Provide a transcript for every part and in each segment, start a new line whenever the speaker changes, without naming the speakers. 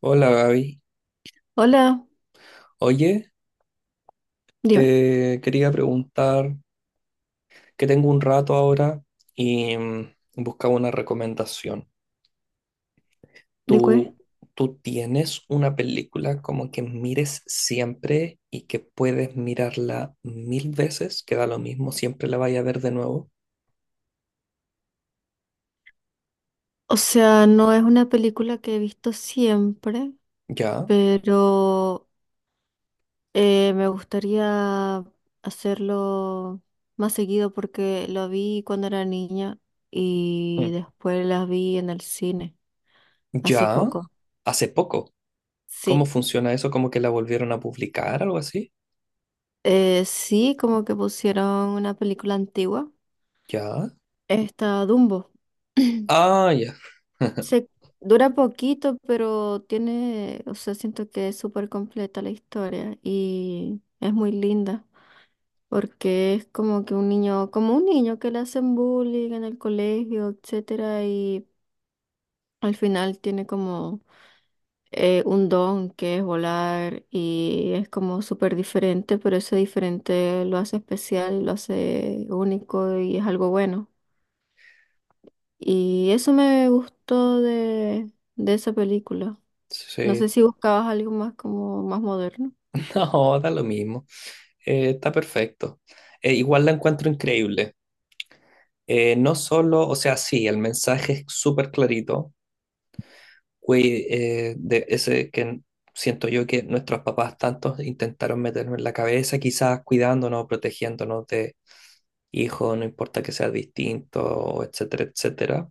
Hola Gaby.
Hola,
Oye,
dime,
te quería preguntar que tengo un rato ahora y buscaba una recomendación.
¿de qué?
¿Tú, tú tienes una película como que mires siempre y que puedes mirarla mil veces, que da lo mismo, siempre la vaya a ver de nuevo?
O sea, no es una película que he visto siempre,
¿Ya?
pero me gustaría hacerlo más seguido porque lo vi cuando era niña
Mm.
y después las vi en el cine hace
¿Ya?
poco.
¿Hace poco? ¿Cómo
Sí,
funciona eso? ¿Como que la volvieron a publicar, algo así?
sí, como que pusieron una película antigua,
¿Ya?
esta Dumbo.
Ah, ya.
Se dura poquito, pero tiene, o sea, siento que es súper completa la historia y es muy linda porque es como que un niño, como un niño que le hacen bullying en el colegio, etcétera, y al final tiene como un don que es volar y es como súper diferente, pero ese diferente lo hace especial, lo hace único y es algo bueno. Y eso me gustó de esa película. No
Sí.
sé si buscabas algo más como más moderno.
No, da lo mismo. Está perfecto. Igual la encuentro increíble. No solo, o sea, sí, el mensaje es súper clarito, güey, de ese que siento yo que nuestros papás tantos intentaron meternos en la cabeza, quizás cuidándonos, protegiéndonos de hijos, no importa que seas distinto, etcétera, etcétera.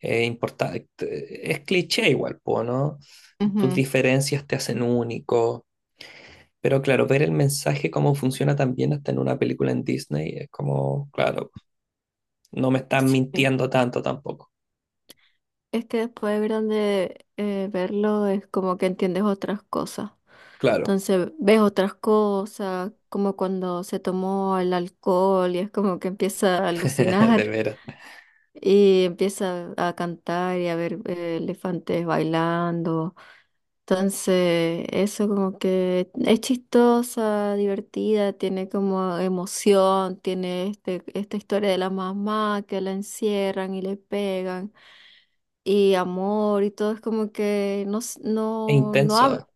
Importa, es cliché igual, po, ¿no? Tus
Ujú.
diferencias te hacen único. Pero claro, ver el mensaje, cómo funciona también hasta en una película en Disney, es como, claro, no me están
Sí.
mintiendo tanto tampoco.
Es que después de grande verlo es como que entiendes otras cosas.
Claro.
Entonces ves otras cosas, como cuando se tomó el alcohol y es como que empieza a
De
alucinar
veras.
y empieza a cantar y a ver elefantes bailando. Entonces, eso como que es chistosa, divertida, tiene como emoción, tiene este, esta historia de la mamá que la encierran y le pegan, y amor y todo, es como que no,
Es
no,
intenso.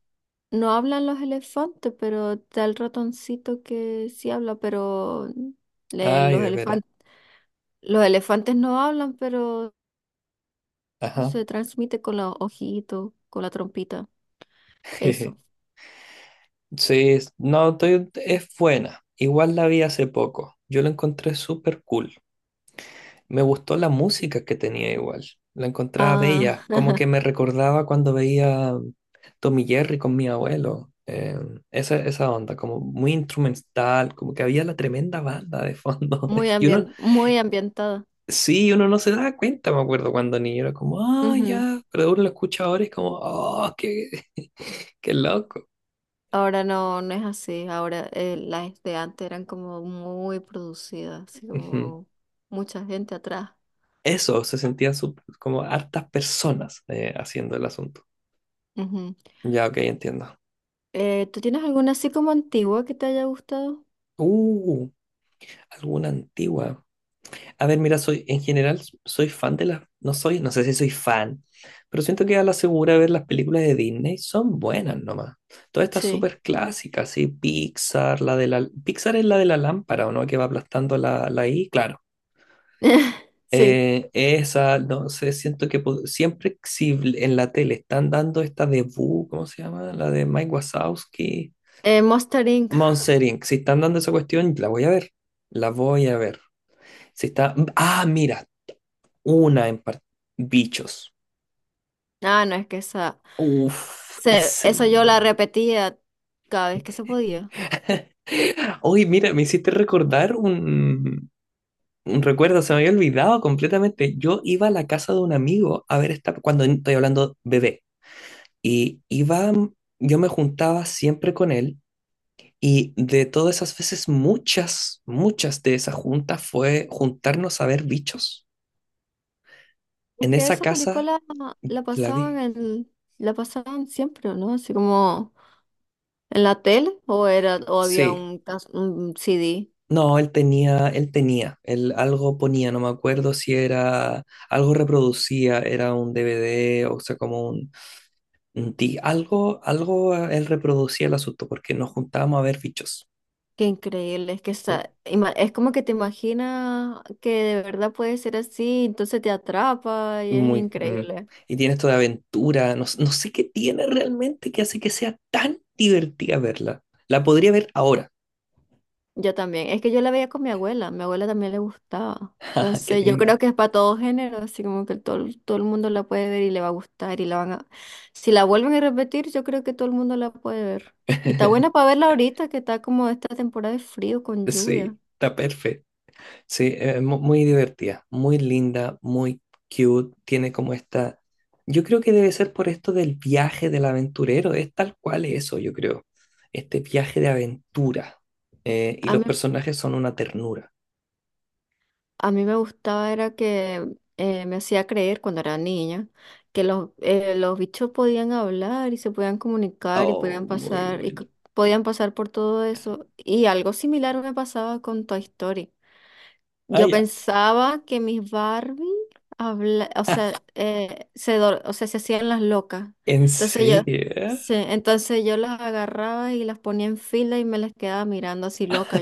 no hablan los elefantes, pero está el ratoncito que sí habla, pero le-
Ay,
los
de veras.
elefantes, los elefantes no hablan, pero
Ajá.
se transmite con los ojitos, con la trompita, eso.
Sí, no, es buena. Igual la vi hace poco. Yo la encontré súper cool. Me gustó la música que tenía igual. La encontraba
Ah,
bella. Como que me recordaba cuando veía Tommy Jerry con mi abuelo. Esa onda, como muy instrumental, como que había la tremenda banda de fondo. Y uno,
muy ambientada.
Sí, uno no se da cuenta, me acuerdo cuando niño era como, ah,
Ujú.
ya, pero uno lo escucha ahora y es como, oh, qué, loco.
Ahora no, no es así. Ahora las de antes eran como muy producidas, así
Ujú.
como mucha gente atrás.
Eso, se sentían como hartas personas haciendo el asunto.
Ujú.
Ya, ok, entiendo.
¿Tú tienes alguna así como antigua que te haya gustado?
Uh, alguna antigua. A ver, mira, soy, en general, soy fan de las, no soy, no sé si soy fan, pero siento que a la segura ver las películas de Disney son buenas nomás. Todas estas
Sí.
súper clásicas, sí, Pixar, Pixar es la de la lámpara, ¿o no? Que va aplastando la, I, claro.
Sí.
Esa, no sé, siento que siempre si bl- en la tele están dando esta de Boo, ¿cómo se llama? La de Mike Wazowski,
Monster Inc.
Monster Inc. Si están dando esa cuestión, la voy a ver. La voy a ver. Si está. Ah, mira, una en par- Bichos.
Ah, no, es que esa,
Uf, ese.
esa yo la repetía cada vez que se podía.
Oye, mira, me hiciste recordar un recuerdo, se me había olvidado completamente. Yo iba a la casa de un amigo a ver esta, cuando estoy hablando bebé. Y iba, yo me juntaba siempre con él y de todas esas veces, muchas, muchas de esas juntas fue juntarnos a ver bichos.
Es
En
que
esa
esa
casa
película la
la
pasaban
vi.
en, la pasaban siempre, ¿no? Así como ¿en la tele? ¿O era, o había
Sí.
un, un CD?
No, él tenía, él algo ponía, no me acuerdo si era, algo reproducía, era un DVD, o sea, como algo, él reproducía el asunto porque nos juntábamos a ver bichos.
Qué increíble, es que es como que te imaginas que de verdad puede ser así, entonces te atrapa y es
Muy. Mm.
increíble.
Y tiene esto de aventura. No, no sé qué tiene realmente que hace que sea tan divertida verla. La podría ver ahora.
Yo también, es que yo la veía con mi abuela también le gustaba.
Jaja, qué
Entonces yo
lindo.
creo que es para todo género, así como que todo, todo el mundo la puede ver y le va a gustar y la van a... Si la vuelven a repetir, yo creo que todo el mundo la puede ver. Y está buena para verla ahorita, que está como esta temporada de frío con
Sí,
lluvia.
está perfecto. Sí, muy divertida, muy linda, muy cute. Tiene como esta. Yo creo que debe ser por esto del viaje del aventurero. Es tal cual eso, yo creo. Este viaje de aventura. Y los personajes son una ternura.
A mí me gustaba era que me hacía creer cuando era niña que los bichos podían hablar y se podían comunicar y
Oh, muy bueno.
podían pasar por todo eso. Y algo similar me pasaba con Toy Story.
Ah,
Yo
ya.
pensaba que mis Barbie habla, o sea, o sea, se hacían las locas.
¿En
Entonces yo,
serio?
sí, entonces yo las agarraba y las ponía en fila y me las quedaba mirando así loca,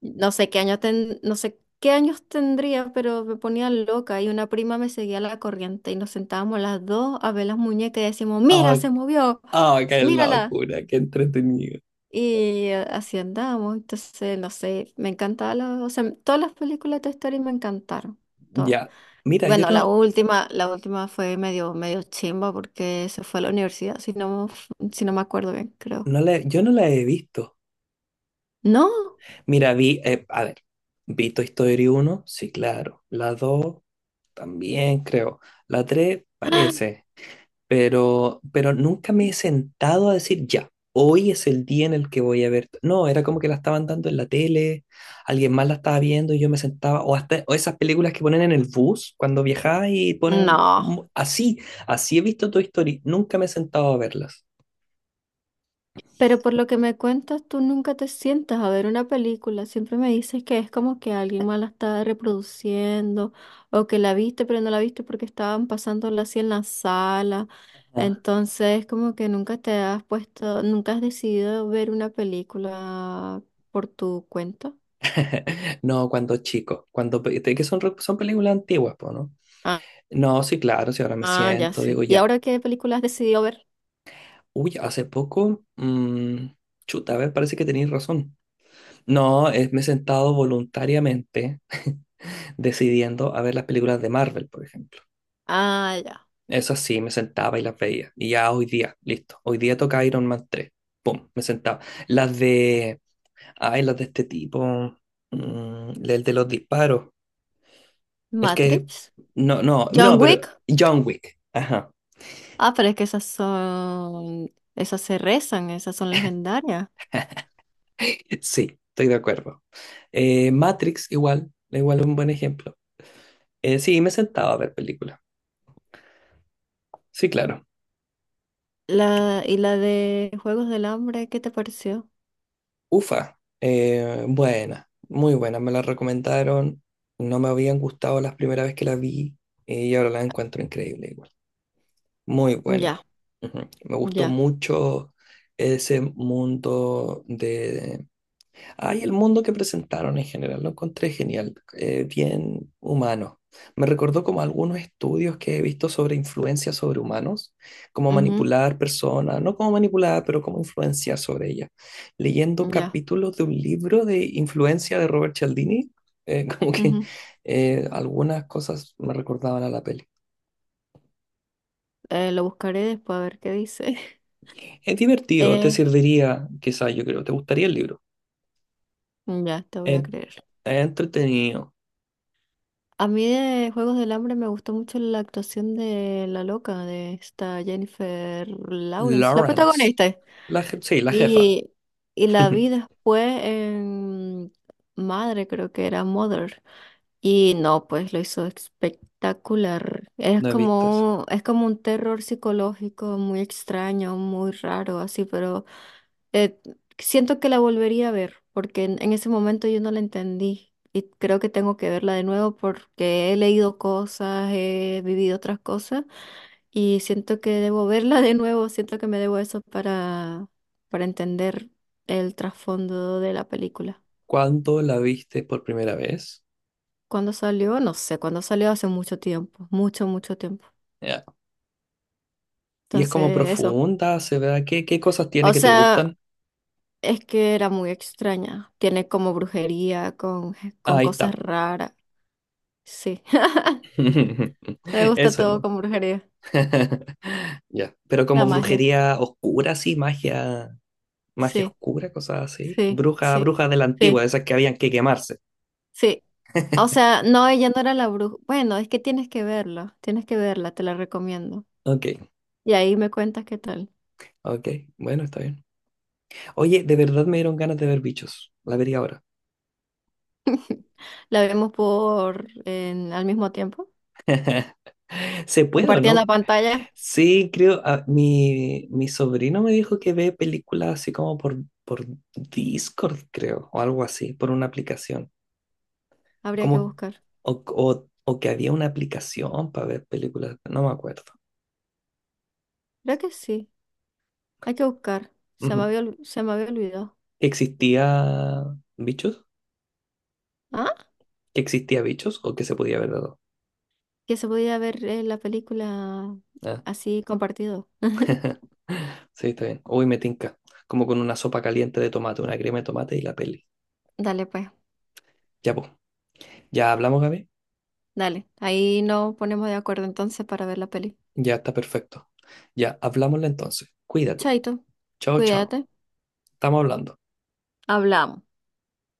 no sé qué años ten- no sé qué años tendría, pero me ponía loca y una prima me seguía la corriente y nos sentábamos las dos a ver las muñecas y decíamos,
Ah,
mira, se movió,
ah, qué
mírala.
locura, qué entretenido.
Y así andábamos. Entonces, no sé, me encantaba o sea, todas las películas de Toy Story me encantaron, todas.
Ya. Mira,
Bueno, la última fue medio, medio chimba porque se fue a la universidad, si no, si no me acuerdo bien, creo.
yo no la he visto.
No,
Mira, vi Toy Story 1, sí, claro. La 2 también creo. La 3 parece. Pero nunca me he sentado a decir, ya, hoy es el día en el que voy a ver. No, era como que la estaban dando en la tele, alguien más la estaba viendo y yo me sentaba, o hasta o esas películas que ponen en el bus cuando viajaba y ponen
no.
así, he visto Toy Story, nunca me he sentado a verlas.
Pero por lo que me cuentas, tú nunca te sientas a ver una película. Siempre me dices que es como que alguien más la está reproduciendo o que la viste pero no la viste porque estaban pasándola así en la sala.
Ah.
Entonces, como que nunca te has puesto, nunca has decidido ver una película por tu cuenta.
No, cuando chico, cuando que son, son películas antiguas, po, ¿no?
Ah,
No, sí, claro, si ahora me
ah, ya
siento, digo
sí. ¿Y
ya.
ahora qué película has decidido ver?
Uy, hace poco, chuta, a ver, parece que tenéis razón. No, me he sentado voluntariamente decidiendo a ver las películas de Marvel, por ejemplo.
Ah, ya.
Eso sí, me sentaba y las veía. Y ya hoy día, listo. Hoy día toca Iron Man 3. Pum, me sentaba. Las de... Ay, las de este tipo. El de los disparos. El que...
Matrix.
No, no, no,
John
pero
Wick.
John Wick. Ajá.
Ah, pero es que esas son, esas se rezan, esas son legendarias.
Sí, estoy de acuerdo. Matrix igual es un buen ejemplo. Sí, me sentaba a ver películas. Sí, claro.
La, y la de Juegos del Hambre, ¿qué te pareció?
Ufa, buena, muy buena, me la recomendaron, no me habían gustado las primera vez que la vi y ahora la encuentro increíble igual, muy buena.
Ya,
Ujú. Me gustó
ya,
mucho ese mundo. Ay, el mundo que presentaron en general lo encontré genial, bien humano. Me recordó como algunos estudios que he visto sobre influencia sobre humanos, cómo
ujú,
manipular personas, no cómo manipular, pero cómo influenciar sobre ellas. Leyendo
ya,
capítulos de un libro de influencia de Robert Cialdini, como que
ujú.
algunas cosas me recordaban a la peli.
Lo buscaré después a ver qué dice.
Es divertido, te
Eh,
serviría, quizás yo creo, te gustaría el libro.
ya, te voy
Es
a creer.
es entretenido.
A mí de Juegos del Hambre me gustó mucho la actuación de la loca, de esta Jennifer Lawrence, la
Lawrence,
protagonista.
sí, la jefa.
Y, y la vi después en Madre, creo que era Mother. Y no, pues lo hizo espectacular.
No he visto eso.
Es como un terror psicológico muy extraño, muy raro, así, pero eh, siento que la volvería a ver, porque en ese momento yo no la entendí. Y creo que tengo que verla de nuevo porque he leído cosas, he vivido otras cosas, y siento que debo verla de nuevo, siento que me debo eso para entender el trasfondo de la película.
¿Cuándo la viste por primera vez?
¿Cuándo salió? No sé, cuando salió hace mucho tiempo, mucho, mucho tiempo.
Ya. Y es como
Entonces, eso.
profunda, se ve. qué, cosas tiene
O
que te
sea,
gustan?
es que era muy extraña. Tiene como brujería,
Ah,
con
ahí
cosas
está.
raras. Sí. Me gusta
Eso
todo
no.
con brujería.
Ya. Pero como
La magia.
brujería oscura, sí, magia
Sí,
oscura, cosas así.
sí,
Bruja,
sí,
bruja de la antigua,
sí,
de esas que habían que quemarse.
sí. O sea, no, ella no era la bruja. Bueno, es que tienes que verla. Tienes que verla, te la recomiendo.
Ok,
Y ahí me cuentas qué tal.
ok. Bueno, está bien. Oye, de verdad me dieron ganas de ver bichos. La vería ahora.
La vemos por al mismo tiempo.
¿Se puede o
Compartiendo la
no?
pantalla.
Sí, creo, ah, mi sobrino me dijo que ve películas así como por Discord, creo, o algo así, por una aplicación.
Habría
Como,
que buscar.
o que había una aplicación para ver películas, no me acuerdo.
Creo que sí. Hay que buscar. Se me
Ujú.
había, se me había olvidado.
¿Existía Bichos?
Ah,
¿Que existía Bichos o que se podía ver de dos?
que se podía ver la película
Ah,
así compartido.
sí, está bien. Uy, me tinca. Como con una sopa caliente de tomate, una crema de tomate y la peli.
Dale, pues,
Ya, pues. ¿Ya hablamos, Gaby?
dale. Ahí nos ponemos de acuerdo entonces para ver la peli.
Ya está perfecto. Ya, hablámosle entonces. Cuídate.
Chaito,
Chao, chao.
cuídate.
Estamos hablando.
Hablamos.